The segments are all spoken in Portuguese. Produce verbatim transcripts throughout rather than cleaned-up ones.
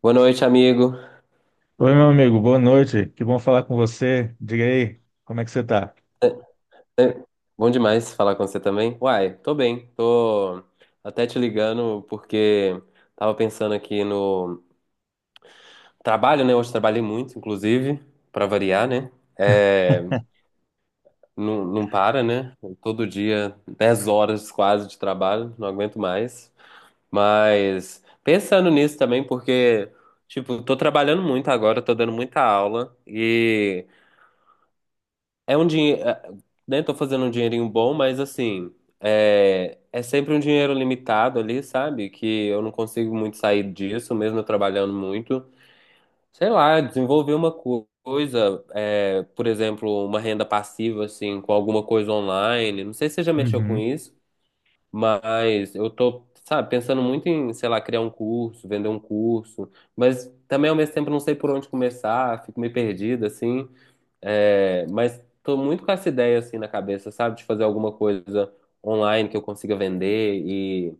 Boa noite, amigo. Oi, meu amigo, boa noite. Que bom falar com você. Diga aí, como é que você tá? É, Bom demais falar com você também. Uai, tô bem. Tô até te ligando porque tava pensando aqui no trabalho, né? Hoje trabalhei muito, inclusive, pra variar, né? É, não, não para, né? Todo dia, dez horas quase de trabalho, não aguento mais. Mas pensando nisso também, porque, tipo, tô trabalhando muito agora, tô dando muita aula e. É um dinheiro, né? Tô fazendo um dinheirinho bom, mas assim, é, é sempre um dinheiro limitado ali, sabe? Que eu não consigo muito sair disso, mesmo eu trabalhando muito. Sei lá, desenvolver uma co- coisa, é, por exemplo, uma renda passiva, assim, com alguma coisa online. Não sei se você já mexeu com Uhum. isso, mas eu tô, sabe, pensando muito em, sei lá, criar um curso, vender um curso, mas também ao mesmo tempo não sei por onde começar, fico meio perdido, assim. É, mas tô muito com essa ideia assim na cabeça, sabe? De fazer alguma coisa online que eu consiga vender e,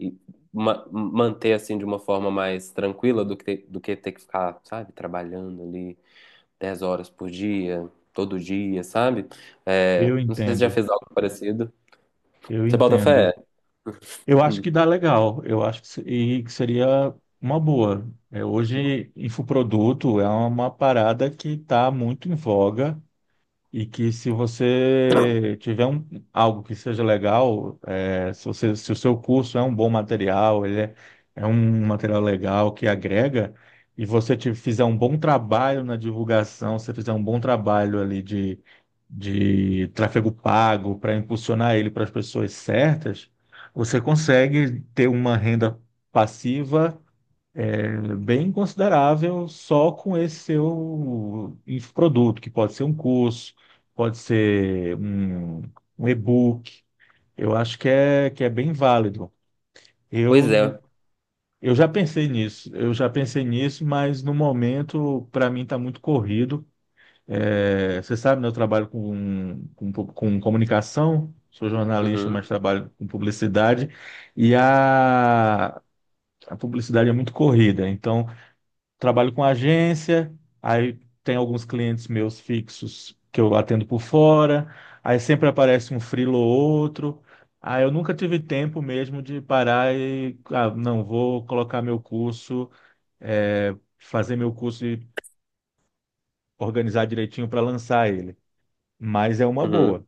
e ma- manter assim de uma forma mais tranquila do que, ter- do que ter que ficar, sabe, trabalhando ali dez horas por dia, todo dia, sabe? É, Eu Não sei se já entendo, fez algo parecido. eu Você bota fé? entendo. Eu acho que dá legal, eu acho que, se- e que seria uma boa. É, hoje, infoproduto é uma parada que está muito em voga. E que se você tiver um, algo que seja legal, é, se você, se o seu curso é um bom material, ele é, é um material legal que agrega, e você te, fizer um bom trabalho na divulgação, você fizer um bom trabalho ali de, de tráfego pago para impulsionar ele para as pessoas certas, você consegue ter uma renda passiva é bem considerável só com esse seu inf- produto, que pode ser um curso, pode ser um, um e-book. Eu acho que é, que é bem válido. Pois Eu, é. eu já pensei nisso, eu já pensei nisso, mas no momento, para mim, está muito corrido. É, você sabe, né, eu trabalho com, com, pu- com comunicação, sou jornalista, mas Uhum, trabalho com publicidade, e a, a publicidade é muito corrida. Então, trabalho com agência, aí tem alguns clientes meus fixos que eu atendo por fora, aí sempre aparece um freelo ou outro. Aí eu nunca tive tempo mesmo de parar e, ah, não, vou colocar meu curso, é, fazer meu curso e organizar direitinho para lançar ele. Mas é uma uhum. boa,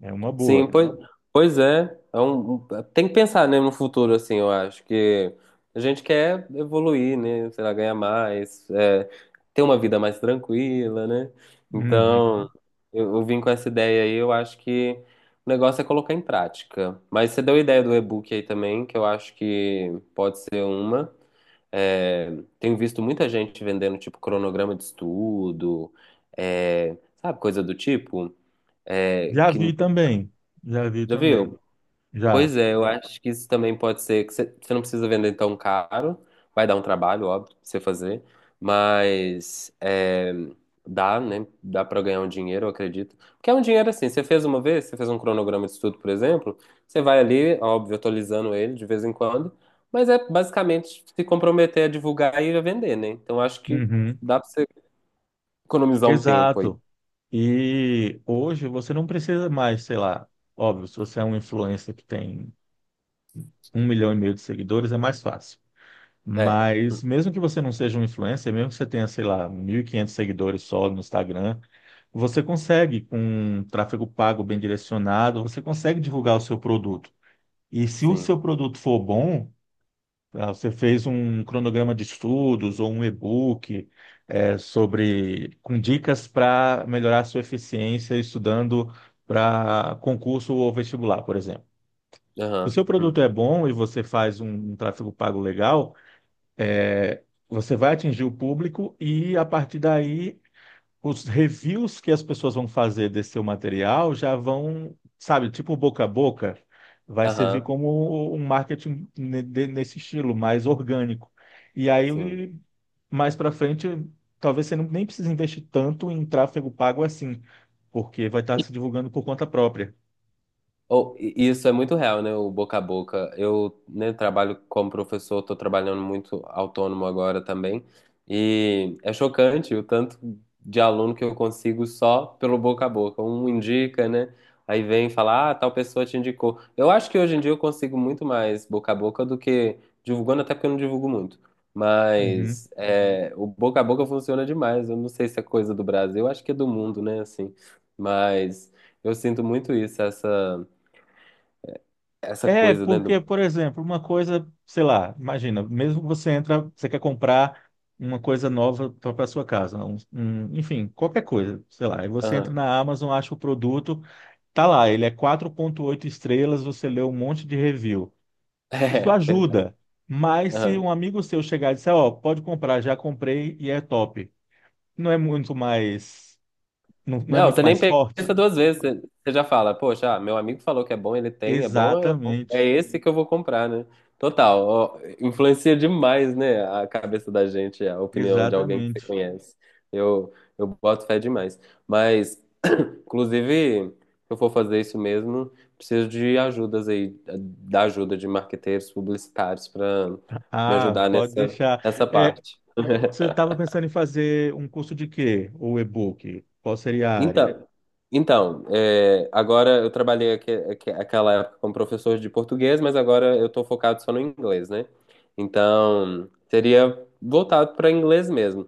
é uma Sim, boa. pois, entendeu? Pois é. É um- um- tem que pensar, né, no futuro, assim, eu acho que a gente quer evoluir, né? Sei lá, ganhar mais, é, ter uma vida mais tranquila, né? Então, Uhum. eu, eu vim com essa ideia aí, eu acho que o negócio é colocar em prática. Mas você deu a ideia do e-book aí também, que eu acho que pode ser uma. É, Tenho visto muita gente vendendo, tipo, cronograma de estudo, é, sabe, coisa do tipo é, Já que vi também, já vi já também, viu? já. Pois é, eu acho que isso também pode ser que você você não precisa vender tão caro, vai dar um trabalho, óbvio, pra você fazer, mas é, dá, né? Dá pra ganhar um dinheiro, eu acredito. Porque é um dinheiro assim, você fez uma vez, você fez um cronograma de estudo, por exemplo, você vai ali, óbvio, atualizando ele de vez em quando, mas é basicamente se comprometer a divulgar e a vender, né? Então acho que Uhum. dá pra você economizar um tempo aí. Exato. E hoje você não precisa mais, sei lá, óbvio, se você é um influencer que tem um milhão e meio de seguidores, é mais fácil. É, Mas mesmo que você não seja um influencer, mesmo que você tenha, sei lá, mil e quinhentos seguidores só no Instagram, você consegue, com um tráfego pago bem direcionado, você consegue divulgar o seu produto. E se o sim. seu produto for bom, ah, você fez um cronograma de estudos ou um e-book eh, sobre com dicas para melhorar a sua eficiência estudando para concurso ou vestibular, por exemplo. Se o Aham. seu produto Hum. é bom e você faz um um tráfego pago legal, eh, você vai atingir o público e a partir daí os reviews que as pessoas vão fazer desse seu material já vão, sabe, tipo boca a boca, vai servir Aham. como um marketing ne- de- nesse estilo, mais orgânico. E Sim. aí, mais para frente, talvez você não- nem precise investir tanto em tráfego pago assim, porque vai estar se divulgando por conta própria. Ou- e isso é muito real, né? O boca a boca. Eu, né, trabalho como professor, estou trabalhando muito autônomo agora também. E é chocante o tanto de aluno que eu consigo só pelo boca a boca. Um indica, né? Aí vem falar, ah, tal pessoa te indicou. Eu acho que hoje em dia eu consigo muito mais boca a boca do que divulgando, até porque eu não divulgo muito. Uhum. Mas é, o boca a boca funciona demais. Eu não sei se é coisa do Brasil, eu acho que é do mundo, né? Assim, mas eu sinto muito isso, essa. Essa É, coisa, né? Do... porque, por exemplo, uma coisa, sei lá, imagina, mesmo você entra, você quer comprar uma coisa nova para sua casa, um- um- enfim, qualquer coisa, sei lá, e você entra Aham. na Amazon, acha o produto, tá lá, ele é quatro vírgula oito estrelas, você lê um monte de review. Isso É, verdade. ajuda, mas se Aham. um amigo seu chegar e disser, ó, pode comprar, já comprei e é top, não é muito mais, não, não é Não, muito você nem mais forte? pensa duas vezes, você, você já fala, poxa, ah, meu amigo falou que é bom, ele tem, é bom, é bom, é Exatamente, esse que eu vou comprar, né? Total, ó, influencia demais, né, a cabeça da gente, a opinião de alguém que você exatamente. conhece. Eu, eu boto fé demais. Mas, inclusive, se eu for fazer isso mesmo, preciso de ajudas aí, da ajuda de marqueteiros publicitários para me Ah, ajudar pode nessa, deixar. nessa É, parte. você estava pensando em fazer um curso de quê? Ou e-book? Qual seria a área? Então, então é, agora eu trabalhei aque, aque- aquela época como professor de português, mas agora eu estou focado só no inglês, né? Então, seria voltado para inglês mesmo.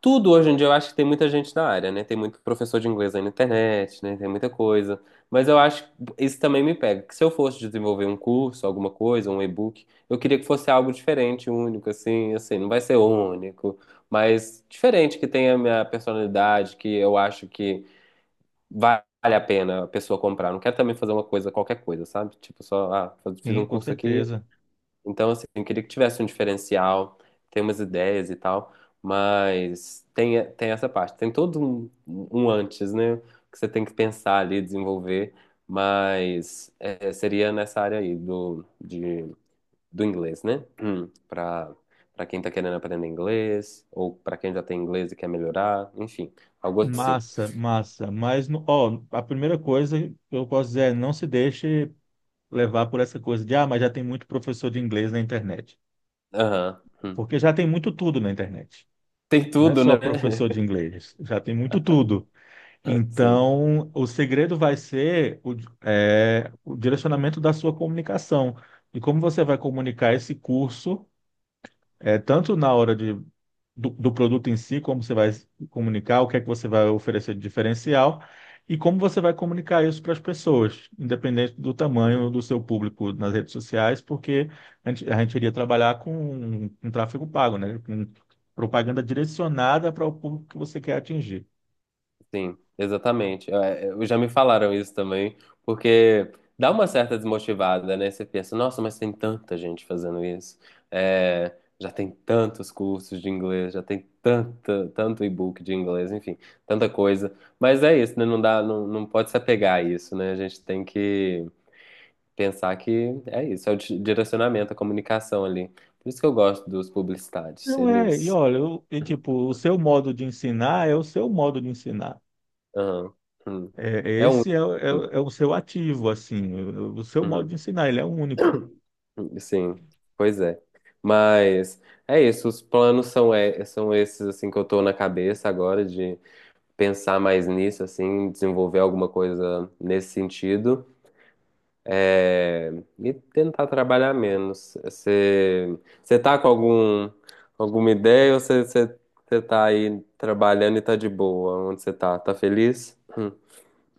Tudo hoje em dia eu acho que tem muita gente da área, né? Tem muito professor de inglês aí na internet, né? Tem muita coisa. Mas eu acho que isso também me pega, que se eu fosse desenvolver um curso, alguma coisa, um e-book, eu queria que fosse algo diferente, único, assim, assim, não vai ser único, mas diferente, que tenha a minha personalidade, que eu acho que vale a pena a pessoa comprar. Não quero também fazer uma coisa, qualquer coisa, sabe? Tipo, só, ah, faz- fiz Sim, um com curso aqui, certeza. então assim, eu queria que tivesse um diferencial, tem umas ideias e tal, mas tem, tem essa parte. Tem todo um, um antes, né? Que você tem que pensar ali, desenvolver, mas é, seria nessa área aí do, de, do inglês, né? Hum, pra, pra quem tá querendo aprender inglês, ou pra quem já tem inglês e quer melhorar, enfim, algo assim. Massa, massa. Mas, no- ó, a primeira coisa que eu posso dizer é não se deixe levar por essa coisa de, ah, mas já tem muito professor de inglês na internet. Aham. Hum. Porque já tem muito tudo na internet. Tem Não é tudo, né? só professor de inglês, já tem muito tudo. Sim. Então, o segredo vai ser o, é, o direcionamento da sua comunicação. E como você vai Uhum, comunicar esse curso, é, tanto na hora de do, do produto em si, como você vai comunicar, o que é que você vai oferecer de diferencial e como você vai comunicar isso para as pessoas, independente do uhum. tamanho do seu público nas redes sociais, porque a gente, a gente iria trabalhar com, com tráfego pago, né? Com propaganda direcionada para o público que você quer atingir. Sim, exatamente. É, é, Eu já me falaram isso também, porque dá uma certa desmotivada, né? Você pensa, nossa, mas tem tanta gente fazendo isso. É, já tem tantos cursos de inglês, já tem tanta, tanto e-book de inglês, enfim, tanta coisa. Mas é isso, né? Não dá, não, não pode se apegar a isso, né? A gente tem que pensar que é isso, é o di- direcionamento, a comunicação ali. Por isso que eu gosto dos publicitários. Não é, e Eles olha, eu- e tipo, o seu modo de ensinar é o seu modo de ensinar. Aham, hum. É, é, É um. esse é, o- é, o é o seu ativo, assim, o, o seu modo de Uhum, ensinar, ele é único. uhum, sim, pois é. Mas é isso, os planos são, é, são esses assim que eu tô na cabeça agora de pensar mais nisso, assim, desenvolver alguma coisa nesse sentido. é, e tentar trabalhar menos. Você você tá com algum, alguma ideia ou você você- você tá aí trabalhando e tá de boa? Onde você tá? Tá feliz? Hum.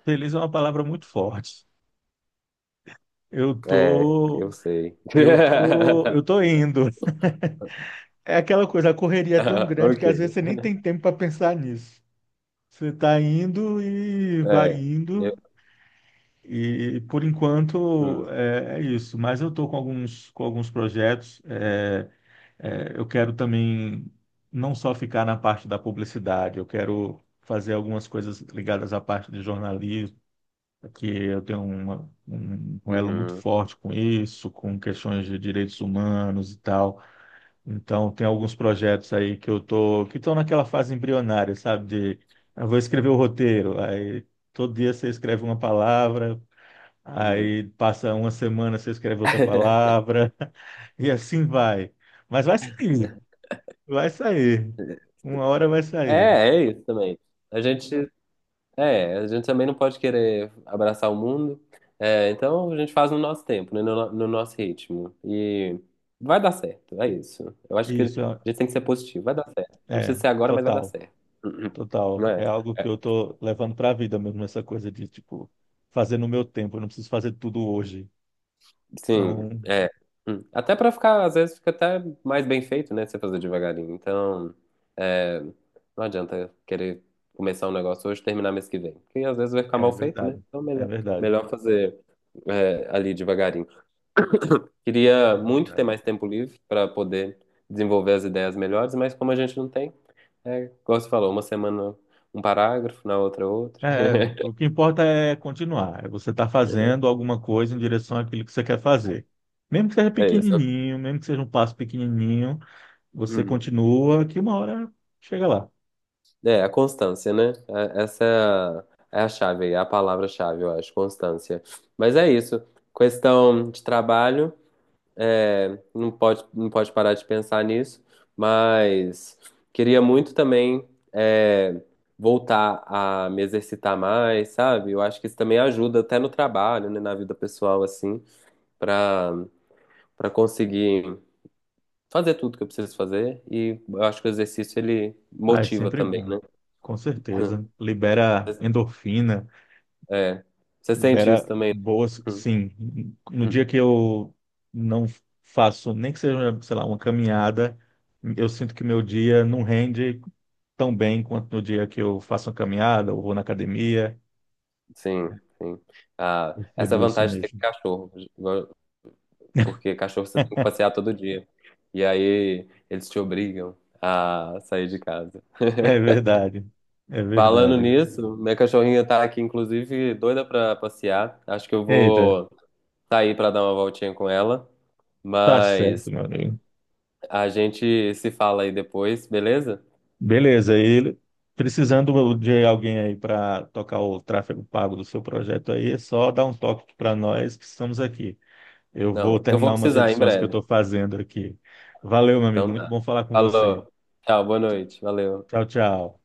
Feliz é uma palavra muito forte. Eu É, eu tô, sei. eu tô, eu tô indo. É aquela coisa, a correria é tão grande Ok. que às vezes você nem tem tempo para pensar nisso. Você tá indo e vai É. indo Eu- e por enquanto hum, é, é isso. Mas eu tô com alguns, com alguns projetos. É, é, eu quero também não só ficar na parte da publicidade. Eu quero fazer algumas coisas ligadas à parte de jornalismo que eu tenho uma- um, um elo muito uhum, forte com isso, com questões de direitos humanos e tal. Então, tem alguns projetos aí que eu tô, que estão naquela fase embrionária, sabe? De, eu vou escrever o roteiro, aí todo dia você escreve uma palavra, uhum. aí passa uma semana você escreve outra palavra, e assim vai. Mas vai sair, vai sair. Uma hora vai sair. É, é isso também. A gente, é, a gente também não pode querer abraçar o mundo. É, então a gente faz no nosso tempo, né, no, no- no nosso ritmo. E vai dar certo, é isso. Eu acho que a Isso, gente tem que ser positivo. Vai dar certo. Não precisa é, ser agora, mas vai dar total. certo. Uhum. Não Total, é? é algo que eu tô levando para a vida mesmo, essa coisa de, tipo, fazer no meu tempo, eu não preciso fazer tudo hoje. Sim, Então, é. Hum. Até pra ficar, às vezes fica até mais bem feito, né? Se você fazer devagarinho. Então, é, não adianta querer começar um negócio hoje e terminar mês que vem. Porque às vezes vai ficar é mal feito, né? verdade, Então, é melhor, verdade, melhor fazer é, ali devagarinho. é Queria muito ter verdade. mais tempo livre pra poder desenvolver as ideias melhores, mas como a gente não tem, é, igual você falou, uma semana um parágrafo, na outra outra. É, o que importa é continuar, é você estar fazendo alguma coisa em direção àquilo que você quer fazer. Mesmo que seja É isso. pequenininho, mesmo que seja um passo pequenininho, você Hum. continua, que uma hora chega lá. É, a constância, né? É- Essa é a, é a chave, aí, é a palavra-chave, eu acho, constância. Mas é isso. Questão de trabalho, é, não pode, não pode parar de pensar nisso, mas queria muito também é, voltar a me exercitar mais, sabe? Eu acho que isso também ajuda até no trabalho, né? Na vida pessoal, assim, para para conseguir fazer tudo que eu preciso fazer. E eu acho que o exercício, ele Ah, é motiva sempre também, bom, né? com certeza. Libera endorfina. É. Você sente isso Libera também? boas, sim. No Né? dia que eu não faço, nem que seja, sei lá, uma caminhada, eu sinto que meu dia não rende tão bem quanto no dia que eu faço uma caminhada ou vou na academia. Sim, sim. Ah, essa Percebo isso vantagem de ter mesmo. cachorro, porque cachorro você tem que passear todo dia. E aí eles te obrigam a sair de casa. É verdade. É Falando verdade. nisso, minha cachorrinha tá aqui, inclusive, doida pra passear. Acho que eu Eita, vou sair pra dar uma voltinha com ela, tá mas certo, meu amigo. a gente se fala aí depois, beleza? Beleza, e precisando de alguém aí para tocar o tráfego pago do seu projeto aí, é só dar um toque para nós que estamos aqui. Eu vou Não, eu vou terminar umas precisar em edições que eu breve. estou fazendo aqui. Valeu, meu amigo. Então Muito tá. bom falar com você. Falou. Tchau, boa noite. Valeu. Tchau, tchau.